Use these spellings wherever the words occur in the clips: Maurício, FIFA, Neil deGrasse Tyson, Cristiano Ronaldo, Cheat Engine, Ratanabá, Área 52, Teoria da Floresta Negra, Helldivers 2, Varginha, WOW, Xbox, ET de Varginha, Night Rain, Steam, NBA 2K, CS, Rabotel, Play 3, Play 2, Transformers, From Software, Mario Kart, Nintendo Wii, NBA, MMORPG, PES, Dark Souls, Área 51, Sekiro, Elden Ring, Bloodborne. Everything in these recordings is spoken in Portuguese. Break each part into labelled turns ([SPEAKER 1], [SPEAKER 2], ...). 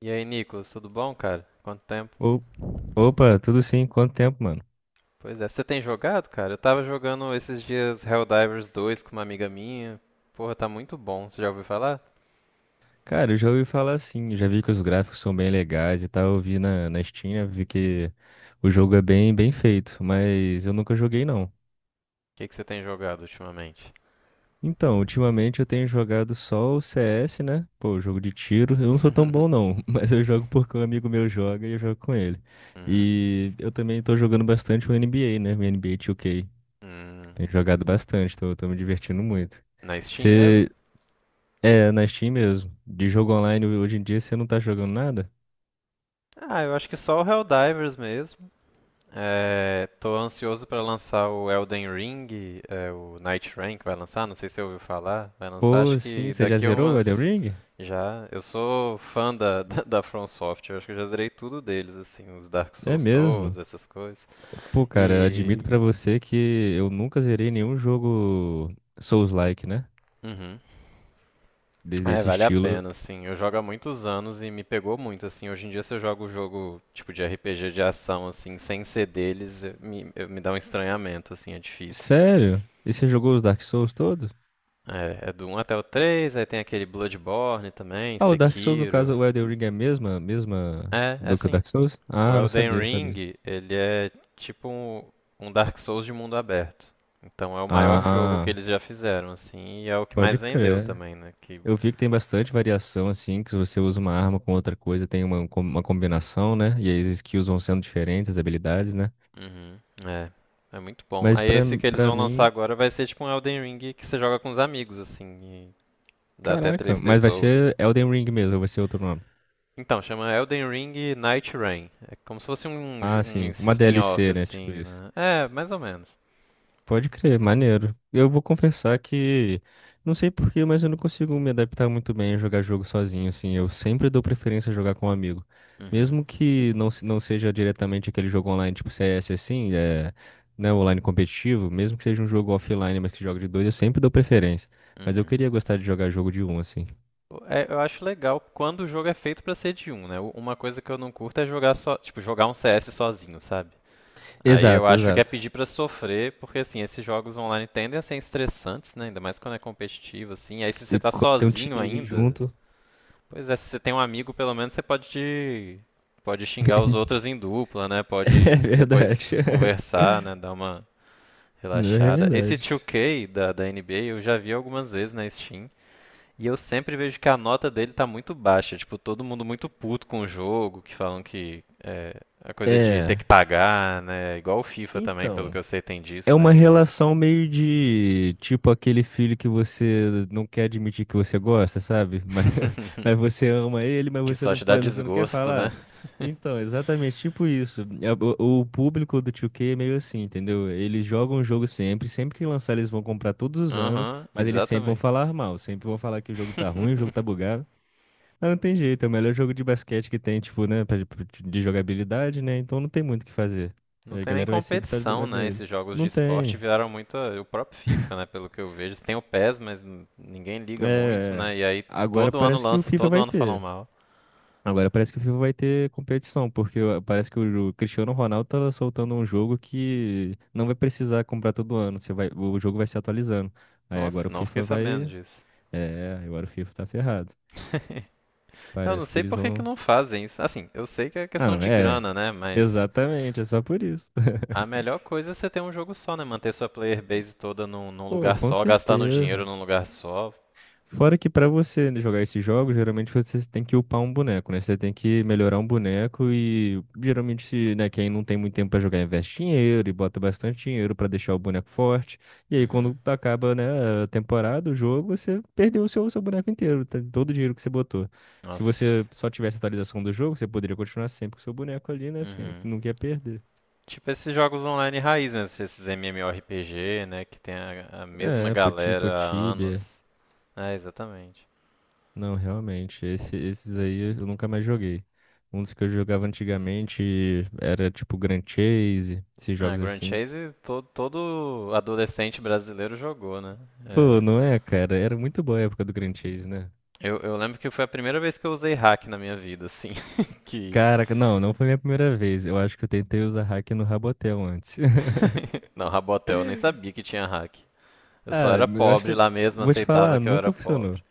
[SPEAKER 1] E aí, Nicolas, tudo bom, cara? Quanto tempo?
[SPEAKER 2] O- Opa, tudo sim? Quanto tempo, mano?
[SPEAKER 1] Pois é, você tem jogado, cara? Eu tava jogando esses dias Helldivers 2 com uma amiga minha. Porra, tá muito bom. Você já ouviu falar? O
[SPEAKER 2] Cara, eu já ouvi falar assim, já vi que os gráficos são bem legais e tal, eu vi na Steam, né, vi que o jogo é bem feito, mas eu nunca joguei não.
[SPEAKER 1] que que você tem jogado ultimamente?
[SPEAKER 2] Então, ultimamente eu tenho jogado só o CS, né? Pô, jogo de tiro, eu não sou tão bom não, mas eu jogo porque um amigo meu joga e eu jogo com ele.
[SPEAKER 1] Uhum.
[SPEAKER 2] E eu também tô jogando bastante o NBA, né? O NBA 2K.
[SPEAKER 1] Hum.
[SPEAKER 2] Tenho jogado bastante, tô me divertindo muito.
[SPEAKER 1] Na Steam mesmo?
[SPEAKER 2] É, na Steam mesmo. De jogo online hoje em dia você não tá jogando nada?
[SPEAKER 1] Ah, eu acho que só o Helldivers mesmo. É, tô ansioso pra lançar o Elden Ring, é, o Night Rain que vai lançar, não sei se você ouviu falar. Vai lançar, acho
[SPEAKER 2] Pô, sim,
[SPEAKER 1] que
[SPEAKER 2] você já
[SPEAKER 1] daqui a
[SPEAKER 2] zerou o Elden
[SPEAKER 1] umas.
[SPEAKER 2] Ring?
[SPEAKER 1] Já. Eu sou fã da, da From Software, acho que eu já zerei tudo deles, assim, os Dark
[SPEAKER 2] É
[SPEAKER 1] Souls todos,
[SPEAKER 2] mesmo.
[SPEAKER 1] essas coisas.
[SPEAKER 2] Pô, cara,
[SPEAKER 1] E.
[SPEAKER 2] admito pra você que eu nunca zerei nenhum jogo Souls-like, né?
[SPEAKER 1] Uhum.
[SPEAKER 2] Des-
[SPEAKER 1] É,
[SPEAKER 2] Desse
[SPEAKER 1] vale a
[SPEAKER 2] estilo.
[SPEAKER 1] pena, assim. Eu jogo há muitos anos e me pegou muito, assim. Hoje em dia, se eu jogo um jogo tipo de RPG de ação, assim, sem ser deles, me dá um estranhamento, assim, é difícil.
[SPEAKER 2] Sério? E você jogou os Dark Souls todos?
[SPEAKER 1] É do um até o 3, aí tem aquele Bloodborne também,
[SPEAKER 2] Ah, o Dark Souls, no
[SPEAKER 1] Sekiro.
[SPEAKER 2] caso, o Elden Ring é a mesma
[SPEAKER 1] É
[SPEAKER 2] do que o
[SPEAKER 1] sim.
[SPEAKER 2] Dark Souls?
[SPEAKER 1] O
[SPEAKER 2] Ah, não
[SPEAKER 1] Elden
[SPEAKER 2] sabia, não sabia.
[SPEAKER 1] Ring, ele é tipo um Dark Souls de mundo aberto. Então é o maior jogo que
[SPEAKER 2] Ah,
[SPEAKER 1] eles já fizeram, assim, e é o que
[SPEAKER 2] pode
[SPEAKER 1] mais vendeu
[SPEAKER 2] crer.
[SPEAKER 1] também, né? Que.
[SPEAKER 2] Eu vi que tem bastante variação, assim, que se você usa uma arma com outra coisa, tem uma combinação, né? E aí as skills vão sendo diferentes, as habilidades, né?
[SPEAKER 1] Uhum. É, é muito bom.
[SPEAKER 2] Mas
[SPEAKER 1] Aí
[SPEAKER 2] pra,
[SPEAKER 1] esse que eles
[SPEAKER 2] pra
[SPEAKER 1] vão lançar
[SPEAKER 2] mim,
[SPEAKER 1] agora vai ser tipo um Elden Ring que você joga com os amigos, assim, e dá até
[SPEAKER 2] caraca,
[SPEAKER 1] três
[SPEAKER 2] mas vai
[SPEAKER 1] pessoas.
[SPEAKER 2] ser Elden Ring mesmo, ou vai ser outro nome.
[SPEAKER 1] Então, chama Elden Ring Night Rain. É como se fosse um,
[SPEAKER 2] Ah,
[SPEAKER 1] um
[SPEAKER 2] sim, uma
[SPEAKER 1] spin-off,
[SPEAKER 2] DLC, né? Tipo
[SPEAKER 1] assim,
[SPEAKER 2] isso.
[SPEAKER 1] né? É, mais ou menos.
[SPEAKER 2] Pode crer, maneiro. Eu vou confessar que não sei por quê, mas eu não consigo me adaptar muito bem a jogar jogo sozinho, assim. Eu sempre dou preferência a jogar com um amigo.
[SPEAKER 1] Uhum,
[SPEAKER 2] Mesmo que não seja diretamente aquele jogo online tipo CS assim, é, né, online competitivo, mesmo que seja um jogo offline, mas que joga de dois, eu sempre dou preferência. Mas eu
[SPEAKER 1] uhum.
[SPEAKER 2] queria gostar de jogar jogo de um, assim.
[SPEAKER 1] É, eu acho legal quando o jogo é feito pra ser de um, né? Uma coisa que eu não curto é jogar só, tipo, jogar um CS sozinho, sabe? Aí eu
[SPEAKER 2] Exato,
[SPEAKER 1] acho que é
[SPEAKER 2] exato.
[SPEAKER 1] pedir pra sofrer, porque assim, esses jogos online tendem a ser estressantes, né? Ainda mais quando é competitivo, assim. Aí se você
[SPEAKER 2] E
[SPEAKER 1] tá
[SPEAKER 2] quando tem um
[SPEAKER 1] sozinho
[SPEAKER 2] timezinho
[SPEAKER 1] ainda,
[SPEAKER 2] junto.
[SPEAKER 1] pois é, se você tem um amigo, pelo menos você pode xingar os outros em dupla, né?
[SPEAKER 2] É
[SPEAKER 1] Pode
[SPEAKER 2] verdade.
[SPEAKER 1] depois conversar, né? Dar uma
[SPEAKER 2] Não, é
[SPEAKER 1] relaxada. Esse
[SPEAKER 2] verdade.
[SPEAKER 1] 2K da NBA eu já vi algumas vezes na Steam. E eu sempre vejo que a nota dele tá muito baixa. Tipo, todo mundo muito puto com o jogo, que falam que é a coisa de ter
[SPEAKER 2] É.
[SPEAKER 1] que pagar, né? Igual o FIFA também, pelo que
[SPEAKER 2] Então.
[SPEAKER 1] eu sei, tem
[SPEAKER 2] É
[SPEAKER 1] disso, né?
[SPEAKER 2] uma
[SPEAKER 1] De...
[SPEAKER 2] relação meio de tipo aquele filho que você não quer admitir que você gosta, sabe? Mas, mas você ama ele, mas
[SPEAKER 1] que
[SPEAKER 2] você
[SPEAKER 1] só
[SPEAKER 2] não
[SPEAKER 1] te dá
[SPEAKER 2] pode, você não quer
[SPEAKER 1] desgosto, né?
[SPEAKER 2] falar. Então, exatamente tipo isso. É, o público do 2K é meio assim, entendeu? Eles jogam o jogo sempre, sempre que lançar eles vão comprar todos os anos,
[SPEAKER 1] Aham,
[SPEAKER 2] mas eles sempre vão
[SPEAKER 1] exatamente.
[SPEAKER 2] falar mal, sempre vão falar que o jogo tá ruim, o jogo tá bugado. Mas não tem jeito, é o melhor jogo de basquete que tem, tipo, né, de jogabilidade, né? Então não tem muito o que fazer.
[SPEAKER 1] Não
[SPEAKER 2] A
[SPEAKER 1] tem nem
[SPEAKER 2] galera vai sempre estar
[SPEAKER 1] competição, né?
[SPEAKER 2] nele.
[SPEAKER 1] Esses jogos de
[SPEAKER 2] Não
[SPEAKER 1] esporte
[SPEAKER 2] tem.
[SPEAKER 1] viraram muito o próprio FIFA, né? Pelo que eu vejo. Tem o PES, mas ninguém liga muito,
[SPEAKER 2] É,
[SPEAKER 1] né? E aí
[SPEAKER 2] agora
[SPEAKER 1] todo ano
[SPEAKER 2] parece que o
[SPEAKER 1] lança,
[SPEAKER 2] FIFA
[SPEAKER 1] todo
[SPEAKER 2] vai
[SPEAKER 1] ano falam
[SPEAKER 2] ter.
[SPEAKER 1] mal.
[SPEAKER 2] Agora parece que o FIFA vai ter competição, porque parece que o Cristiano Ronaldo tá soltando um jogo que não vai precisar comprar todo ano. Você vai, o jogo vai se atualizando. Aí
[SPEAKER 1] Nossa,
[SPEAKER 2] agora o
[SPEAKER 1] não fiquei
[SPEAKER 2] FIFA
[SPEAKER 1] sabendo
[SPEAKER 2] vai.
[SPEAKER 1] disso.
[SPEAKER 2] É, agora o FIFA tá ferrado.
[SPEAKER 1] Eu não
[SPEAKER 2] Parece que
[SPEAKER 1] sei
[SPEAKER 2] eles
[SPEAKER 1] por que que
[SPEAKER 2] vão.
[SPEAKER 1] não fazem isso. Assim, eu sei que é
[SPEAKER 2] Ah,
[SPEAKER 1] questão
[SPEAKER 2] não,
[SPEAKER 1] de
[SPEAKER 2] é.
[SPEAKER 1] grana, né? Mas
[SPEAKER 2] Exatamente, é só por isso.
[SPEAKER 1] a melhor coisa é você ter um jogo só, né? Manter sua player base toda num
[SPEAKER 2] Pô,
[SPEAKER 1] lugar
[SPEAKER 2] com
[SPEAKER 1] só, gastando dinheiro
[SPEAKER 2] certeza.
[SPEAKER 1] num lugar só.
[SPEAKER 2] Fora que pra você né, jogar esses jogos, geralmente você tem que upar um boneco, né? Você tem que melhorar um boneco e geralmente, se, né, quem não tem muito tempo pra jogar investe dinheiro e bota bastante dinheiro pra deixar o boneco forte. E aí
[SPEAKER 1] Uhum.
[SPEAKER 2] quando acaba, né, a temporada, o jogo, você perdeu o seu boneco inteiro, tá? Todo o dinheiro que você botou. Se
[SPEAKER 1] Nossa.
[SPEAKER 2] você só tivesse atualização do jogo, você poderia continuar sempre com o seu boneco ali, né? Sem,
[SPEAKER 1] Uhum.
[SPEAKER 2] nunca ia perder.
[SPEAKER 1] Tipo esses jogos online raiz mesmo, esses MMORPG, né? Que tem a mesma
[SPEAKER 2] É, poti,
[SPEAKER 1] galera há
[SPEAKER 2] poti,
[SPEAKER 1] anos. É, exatamente.
[SPEAKER 2] não, realmente, esses aí eu nunca mais joguei. Um dos que eu jogava antigamente era tipo Grand Chase, esses
[SPEAKER 1] Ah,
[SPEAKER 2] jogos
[SPEAKER 1] Grand
[SPEAKER 2] assim.
[SPEAKER 1] Chase todo, todo adolescente brasileiro jogou, né?
[SPEAKER 2] Pô,
[SPEAKER 1] É.
[SPEAKER 2] não é, cara? Era muito boa a época do Grand Chase, né?
[SPEAKER 1] Eu lembro que foi a primeira vez que eu usei hack na minha vida, assim. que
[SPEAKER 2] Caraca, não, não foi minha primeira vez. Eu acho que eu tentei usar hack no Rabotel antes.
[SPEAKER 1] Não, Rabotel, eu nem sabia que tinha hack. Eu só
[SPEAKER 2] Ah,
[SPEAKER 1] era
[SPEAKER 2] eu acho
[SPEAKER 1] pobre
[SPEAKER 2] que.
[SPEAKER 1] lá mesmo,
[SPEAKER 2] Vou te
[SPEAKER 1] aceitava
[SPEAKER 2] falar,
[SPEAKER 1] que eu era
[SPEAKER 2] nunca funcionou.
[SPEAKER 1] pobre.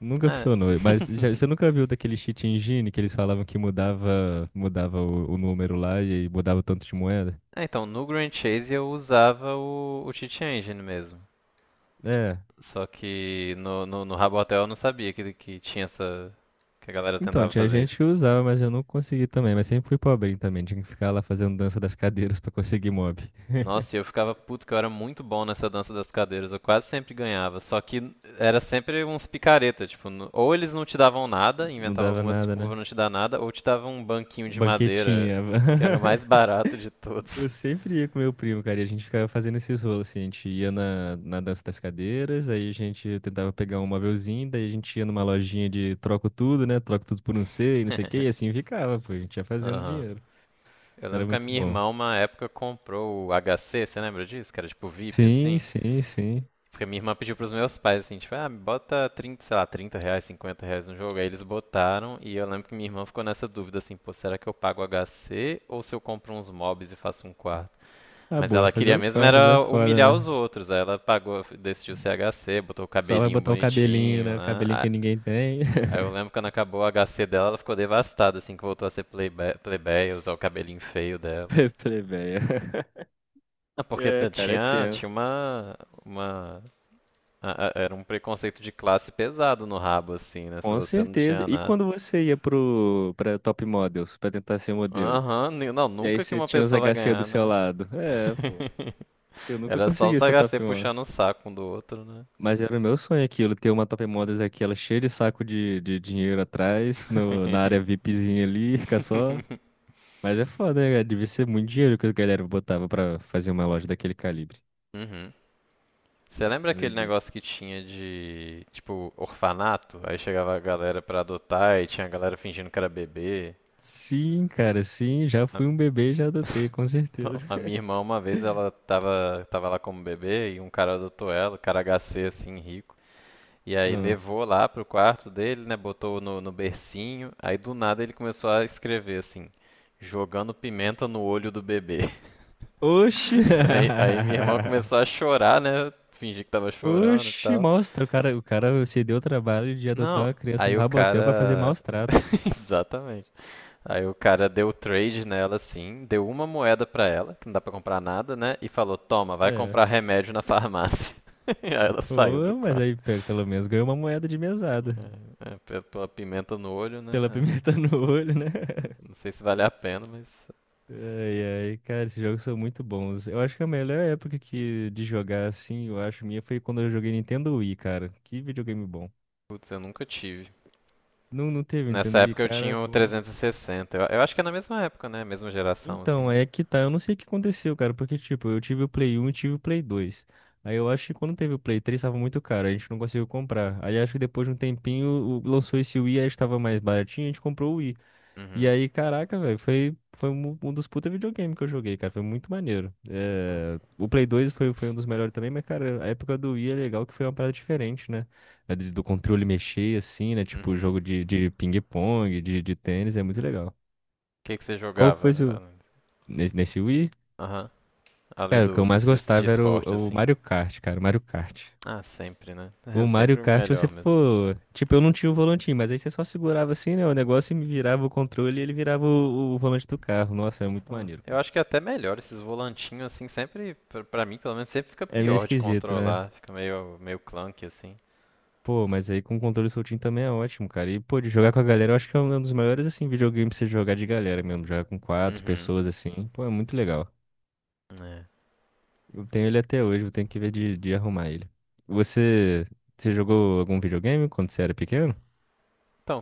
[SPEAKER 2] Nunca
[SPEAKER 1] É.
[SPEAKER 2] funcionou. Mas já, você nunca viu daquele cheat engine que eles falavam que mudava, mudava o número lá e aí mudava o tanto de moeda?
[SPEAKER 1] É, então, no Grand Chase eu usava o Cheat Engine mesmo.
[SPEAKER 2] É.
[SPEAKER 1] Só que no Rabotel eu não sabia que tinha essa, que a galera
[SPEAKER 2] Então,
[SPEAKER 1] tentava
[SPEAKER 2] tinha
[SPEAKER 1] fazer
[SPEAKER 2] gente
[SPEAKER 1] isso.
[SPEAKER 2] que usava, mas eu não consegui também. Mas sempre fui pobrinho também. Tinha que ficar lá fazendo dança das cadeiras pra conseguir mob.
[SPEAKER 1] Nossa, e eu ficava puto que eu era muito bom nessa dança das cadeiras, eu quase sempre ganhava, só que era sempre uns picareta, tipo, ou eles não te davam nada,
[SPEAKER 2] Não
[SPEAKER 1] inventavam
[SPEAKER 2] dava
[SPEAKER 1] alguma
[SPEAKER 2] nada,
[SPEAKER 1] desculpa pra
[SPEAKER 2] né?
[SPEAKER 1] não te dar nada, ou te davam um banquinho de madeira,
[SPEAKER 2] Banquetinha.
[SPEAKER 1] que era o mais barato de
[SPEAKER 2] Eu
[SPEAKER 1] todos.
[SPEAKER 2] sempre ia com meu primo, cara, e a gente ficava fazendo esses rolos, assim. A gente ia na dança das cadeiras, aí a gente tentava pegar um mobilzinho, daí a gente ia numa lojinha de troco tudo, né? Troco tudo por um C e não sei o que, e assim ficava, pô. A gente ia fazendo
[SPEAKER 1] Aham.
[SPEAKER 2] dinheiro.
[SPEAKER 1] Eu lembro
[SPEAKER 2] Era
[SPEAKER 1] que a
[SPEAKER 2] muito
[SPEAKER 1] minha
[SPEAKER 2] bom.
[SPEAKER 1] irmã, uma época, comprou o HC, você lembra disso? Que era tipo VIP,
[SPEAKER 2] Sim,
[SPEAKER 1] assim,
[SPEAKER 2] sim, sim.
[SPEAKER 1] porque minha irmã pediu pros meus pais, assim, tipo, ah, bota 30 sei lá, R$ 30, R$ 50 no jogo. Aí eles botaram e eu lembro que minha irmã ficou nessa dúvida, assim, pô, será que eu pago HC ou se eu compro uns mobs e faço um quarto?
[SPEAKER 2] Ah,
[SPEAKER 1] Mas
[SPEAKER 2] boa,
[SPEAKER 1] ela
[SPEAKER 2] fazer
[SPEAKER 1] queria
[SPEAKER 2] o
[SPEAKER 1] mesmo
[SPEAKER 2] quarto, dá
[SPEAKER 1] era
[SPEAKER 2] foda,
[SPEAKER 1] humilhar os
[SPEAKER 2] né?
[SPEAKER 1] outros. Aí ela pagou, decidiu ser HC, botou o
[SPEAKER 2] Só vai
[SPEAKER 1] cabelinho
[SPEAKER 2] botar o cabelinho,
[SPEAKER 1] bonitinho,
[SPEAKER 2] né? O
[SPEAKER 1] né?
[SPEAKER 2] cabelinho que ninguém tem.
[SPEAKER 1] Aí eu lembro quando acabou o HC dela, ela ficou devastada, assim, que voltou a ser plebeia, usar o cabelinho feio dela.
[SPEAKER 2] Plebeia.
[SPEAKER 1] Ah, porque
[SPEAKER 2] É,
[SPEAKER 1] t-
[SPEAKER 2] cara, é
[SPEAKER 1] tinha, tinha
[SPEAKER 2] tenso.
[SPEAKER 1] uma A- a- era um preconceito de classe pesado no rabo, assim, né? Se
[SPEAKER 2] Com
[SPEAKER 1] você não
[SPEAKER 2] certeza.
[SPEAKER 1] tinha
[SPEAKER 2] E
[SPEAKER 1] nada.
[SPEAKER 2] quando você ia pra Top Models, pra tentar ser modelo?
[SPEAKER 1] Aham, não,
[SPEAKER 2] E aí
[SPEAKER 1] nunca que
[SPEAKER 2] você
[SPEAKER 1] uma
[SPEAKER 2] tinha os
[SPEAKER 1] pessoa vai
[SPEAKER 2] HC do
[SPEAKER 1] ganhar,
[SPEAKER 2] seu
[SPEAKER 1] né?
[SPEAKER 2] lado. É, pô. Eu nunca
[SPEAKER 1] Era só
[SPEAKER 2] consegui
[SPEAKER 1] os
[SPEAKER 2] ser
[SPEAKER 1] HC
[SPEAKER 2] Top Model.
[SPEAKER 1] puxando o saco um do outro, né?
[SPEAKER 2] Mas era o meu sonho aquilo, ter uma Top Models aquela cheia de saco de dinheiro atrás, no, na área VIPzinha ali, ficar só. Mas é foda, né, cara? Devia ser muito dinheiro que as galera botava pra fazer uma loja daquele calibre.
[SPEAKER 1] Uhum. Você lembra aquele
[SPEAKER 2] Doideira.
[SPEAKER 1] negócio que tinha de, tipo, orfanato? Aí chegava a galera pra adotar e tinha a galera fingindo que era bebê.
[SPEAKER 2] Sim, cara, sim, já
[SPEAKER 1] A-
[SPEAKER 2] fui um bebê e já adotei, com
[SPEAKER 1] Então,
[SPEAKER 2] certeza.
[SPEAKER 1] a minha irmã, uma vez, ela tava, lá como bebê e um cara adotou ela, cara HC, assim, rico. E aí
[SPEAKER 2] Ah.
[SPEAKER 1] levou lá pro quarto dele, né? Botou no bercinho. Aí do nada ele começou a escrever assim, jogando pimenta no olho do bebê.
[SPEAKER 2] Oxi!
[SPEAKER 1] Aí minha irmã começou a chorar, né? Eu fingi que tava chorando e
[SPEAKER 2] Oxi,
[SPEAKER 1] tal.
[SPEAKER 2] maus tra- o cara se deu o trabalho de adotar
[SPEAKER 1] Não,
[SPEAKER 2] uma criança no
[SPEAKER 1] aí o
[SPEAKER 2] Rabotel pra fazer
[SPEAKER 1] cara.
[SPEAKER 2] maus tratos.
[SPEAKER 1] Exatamente. Aí o cara deu trade nela assim, deu uma moeda pra ela, que não dá pra comprar nada, né? E falou: Toma, vai
[SPEAKER 2] É.
[SPEAKER 1] comprar remédio na farmácia. Aí ela saiu do
[SPEAKER 2] Ô, mas
[SPEAKER 1] quarto.
[SPEAKER 2] aí pelo menos ganhou uma moeda de mesada.
[SPEAKER 1] É, pela pimenta no olho,
[SPEAKER 2] Pela
[SPEAKER 1] né? É.
[SPEAKER 2] pimenta no olho, né?
[SPEAKER 1] Não sei se vale a pena, mas
[SPEAKER 2] Ai, ai, cara, esses jogos são muito bons. Eu acho que a melhor época que de jogar assim, eu acho minha, foi quando eu joguei Nintendo Wii, cara. Que videogame bom.
[SPEAKER 1] putz, eu nunca tive.
[SPEAKER 2] Não, não teve
[SPEAKER 1] Nessa
[SPEAKER 2] Nintendo Wii,
[SPEAKER 1] época eu
[SPEAKER 2] cara,
[SPEAKER 1] tinha o
[SPEAKER 2] pô.
[SPEAKER 1] 360. Eu acho que é na mesma época, né? Mesma geração,
[SPEAKER 2] Então,
[SPEAKER 1] assim.
[SPEAKER 2] é que tá, eu não sei o que aconteceu, cara, porque, tipo, eu tive o Play 1 e tive o Play 2. Aí eu acho que quando teve o Play 3 tava muito caro, a gente não conseguiu comprar. Aí acho que depois de um tempinho lançou esse Wii, aí estava mais baratinho, a gente comprou o Wii. E
[SPEAKER 1] Uhum.
[SPEAKER 2] aí, caraca, velho, foi um, dos puta videogame que eu joguei, cara, foi muito maneiro. É, o Play 2 foi um dos melhores também, mas, cara, a época do Wii é legal que foi uma parada diferente, né? Do controle mexer, assim, né? Tipo,
[SPEAKER 1] Uhum.
[SPEAKER 2] jogo
[SPEAKER 1] O
[SPEAKER 2] de ping-pong, de tênis, é muito legal.
[SPEAKER 1] que que você
[SPEAKER 2] Qual foi
[SPEAKER 1] jogava?
[SPEAKER 2] seu. Nesse Wii?
[SPEAKER 1] Aham. Além
[SPEAKER 2] Cara, o que
[SPEAKER 1] do,
[SPEAKER 2] eu
[SPEAKER 1] do
[SPEAKER 2] mais
[SPEAKER 1] de
[SPEAKER 2] gostava era
[SPEAKER 1] esporte,
[SPEAKER 2] o
[SPEAKER 1] assim.
[SPEAKER 2] Mario Kart, cara, o Mario Kart.
[SPEAKER 1] Ah, sempre, né?
[SPEAKER 2] O Mario
[SPEAKER 1] Sempre o
[SPEAKER 2] Kart, você
[SPEAKER 1] melhor mesmo.
[SPEAKER 2] for. Tipo, eu não tinha o volantinho, mas aí você só segurava assim, né? O negócio e me virava o controle e ele virava o volante do carro. Nossa, é muito
[SPEAKER 1] Pô,
[SPEAKER 2] maneiro,
[SPEAKER 1] eu
[SPEAKER 2] cara.
[SPEAKER 1] acho que é até melhor esses volantinhos, assim, sempre, pra mim, pelo menos, sempre fica
[SPEAKER 2] É meio
[SPEAKER 1] pior de
[SPEAKER 2] esquisito, né?
[SPEAKER 1] controlar. Fica meio clunky, assim.
[SPEAKER 2] Pô, mas aí com o controle soltinho também é ótimo, cara. E, pô, de jogar com a galera, eu acho que é um dos maiores, assim, videogames pra você jogar de galera mesmo. Jogar com quatro
[SPEAKER 1] Uhum.
[SPEAKER 2] pessoas, assim. Pô, é muito legal. Eu tenho ele até hoje, eu tenho que ver de arrumar ele. Você. Você jogou algum videogame quando você era pequeno?
[SPEAKER 1] Então,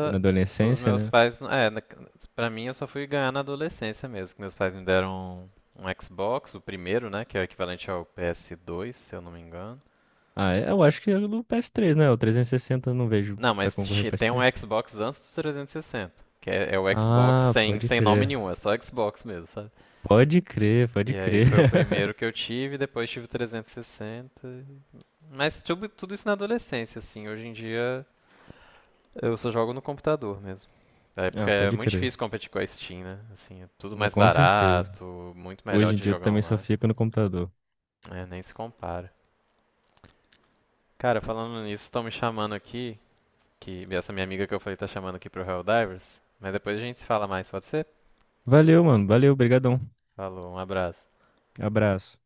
[SPEAKER 2] Ou na
[SPEAKER 1] os
[SPEAKER 2] adolescência,
[SPEAKER 1] meus
[SPEAKER 2] né?
[SPEAKER 1] pais, pra mim eu só fui ganhar na adolescência mesmo, que meus pais me deram um Xbox, o primeiro, né, que é o equivalente ao PS2, se eu não me engano.
[SPEAKER 2] Ah, é? Eu acho que é do PS3, né? O 360 eu não vejo
[SPEAKER 1] Não,
[SPEAKER 2] pra
[SPEAKER 1] mas
[SPEAKER 2] concorrer ao
[SPEAKER 1] tem um
[SPEAKER 2] PS3.
[SPEAKER 1] Xbox antes do 360, que é o Xbox
[SPEAKER 2] Ah,
[SPEAKER 1] sem,
[SPEAKER 2] pode
[SPEAKER 1] sem nome
[SPEAKER 2] crer.
[SPEAKER 1] nenhum, é só Xbox mesmo, sabe?
[SPEAKER 2] Pode crer, pode
[SPEAKER 1] E aí
[SPEAKER 2] crer.
[SPEAKER 1] foi o primeiro que eu tive, depois tive o 360. Mas tudo, tudo isso na adolescência, assim. Hoje em dia, eu só jogo no computador mesmo. É porque
[SPEAKER 2] Ah,
[SPEAKER 1] é
[SPEAKER 2] pode
[SPEAKER 1] muito
[SPEAKER 2] crer.
[SPEAKER 1] difícil competir com a Steam, né? Assim, é tudo
[SPEAKER 2] Não,
[SPEAKER 1] mais
[SPEAKER 2] com certeza.
[SPEAKER 1] barato, muito melhor
[SPEAKER 2] Hoje em
[SPEAKER 1] de
[SPEAKER 2] dia eu
[SPEAKER 1] jogar
[SPEAKER 2] também só
[SPEAKER 1] online.
[SPEAKER 2] fico no computador.
[SPEAKER 1] É, nem se compara. Cara, falando nisso, estão me chamando aqui, que essa minha amiga que eu falei tá chamando aqui pro Helldivers, mas depois a gente se fala mais, pode ser?
[SPEAKER 2] Valeu, mano. Valeu, brigadão.
[SPEAKER 1] Falou, um abraço.
[SPEAKER 2] Abraço.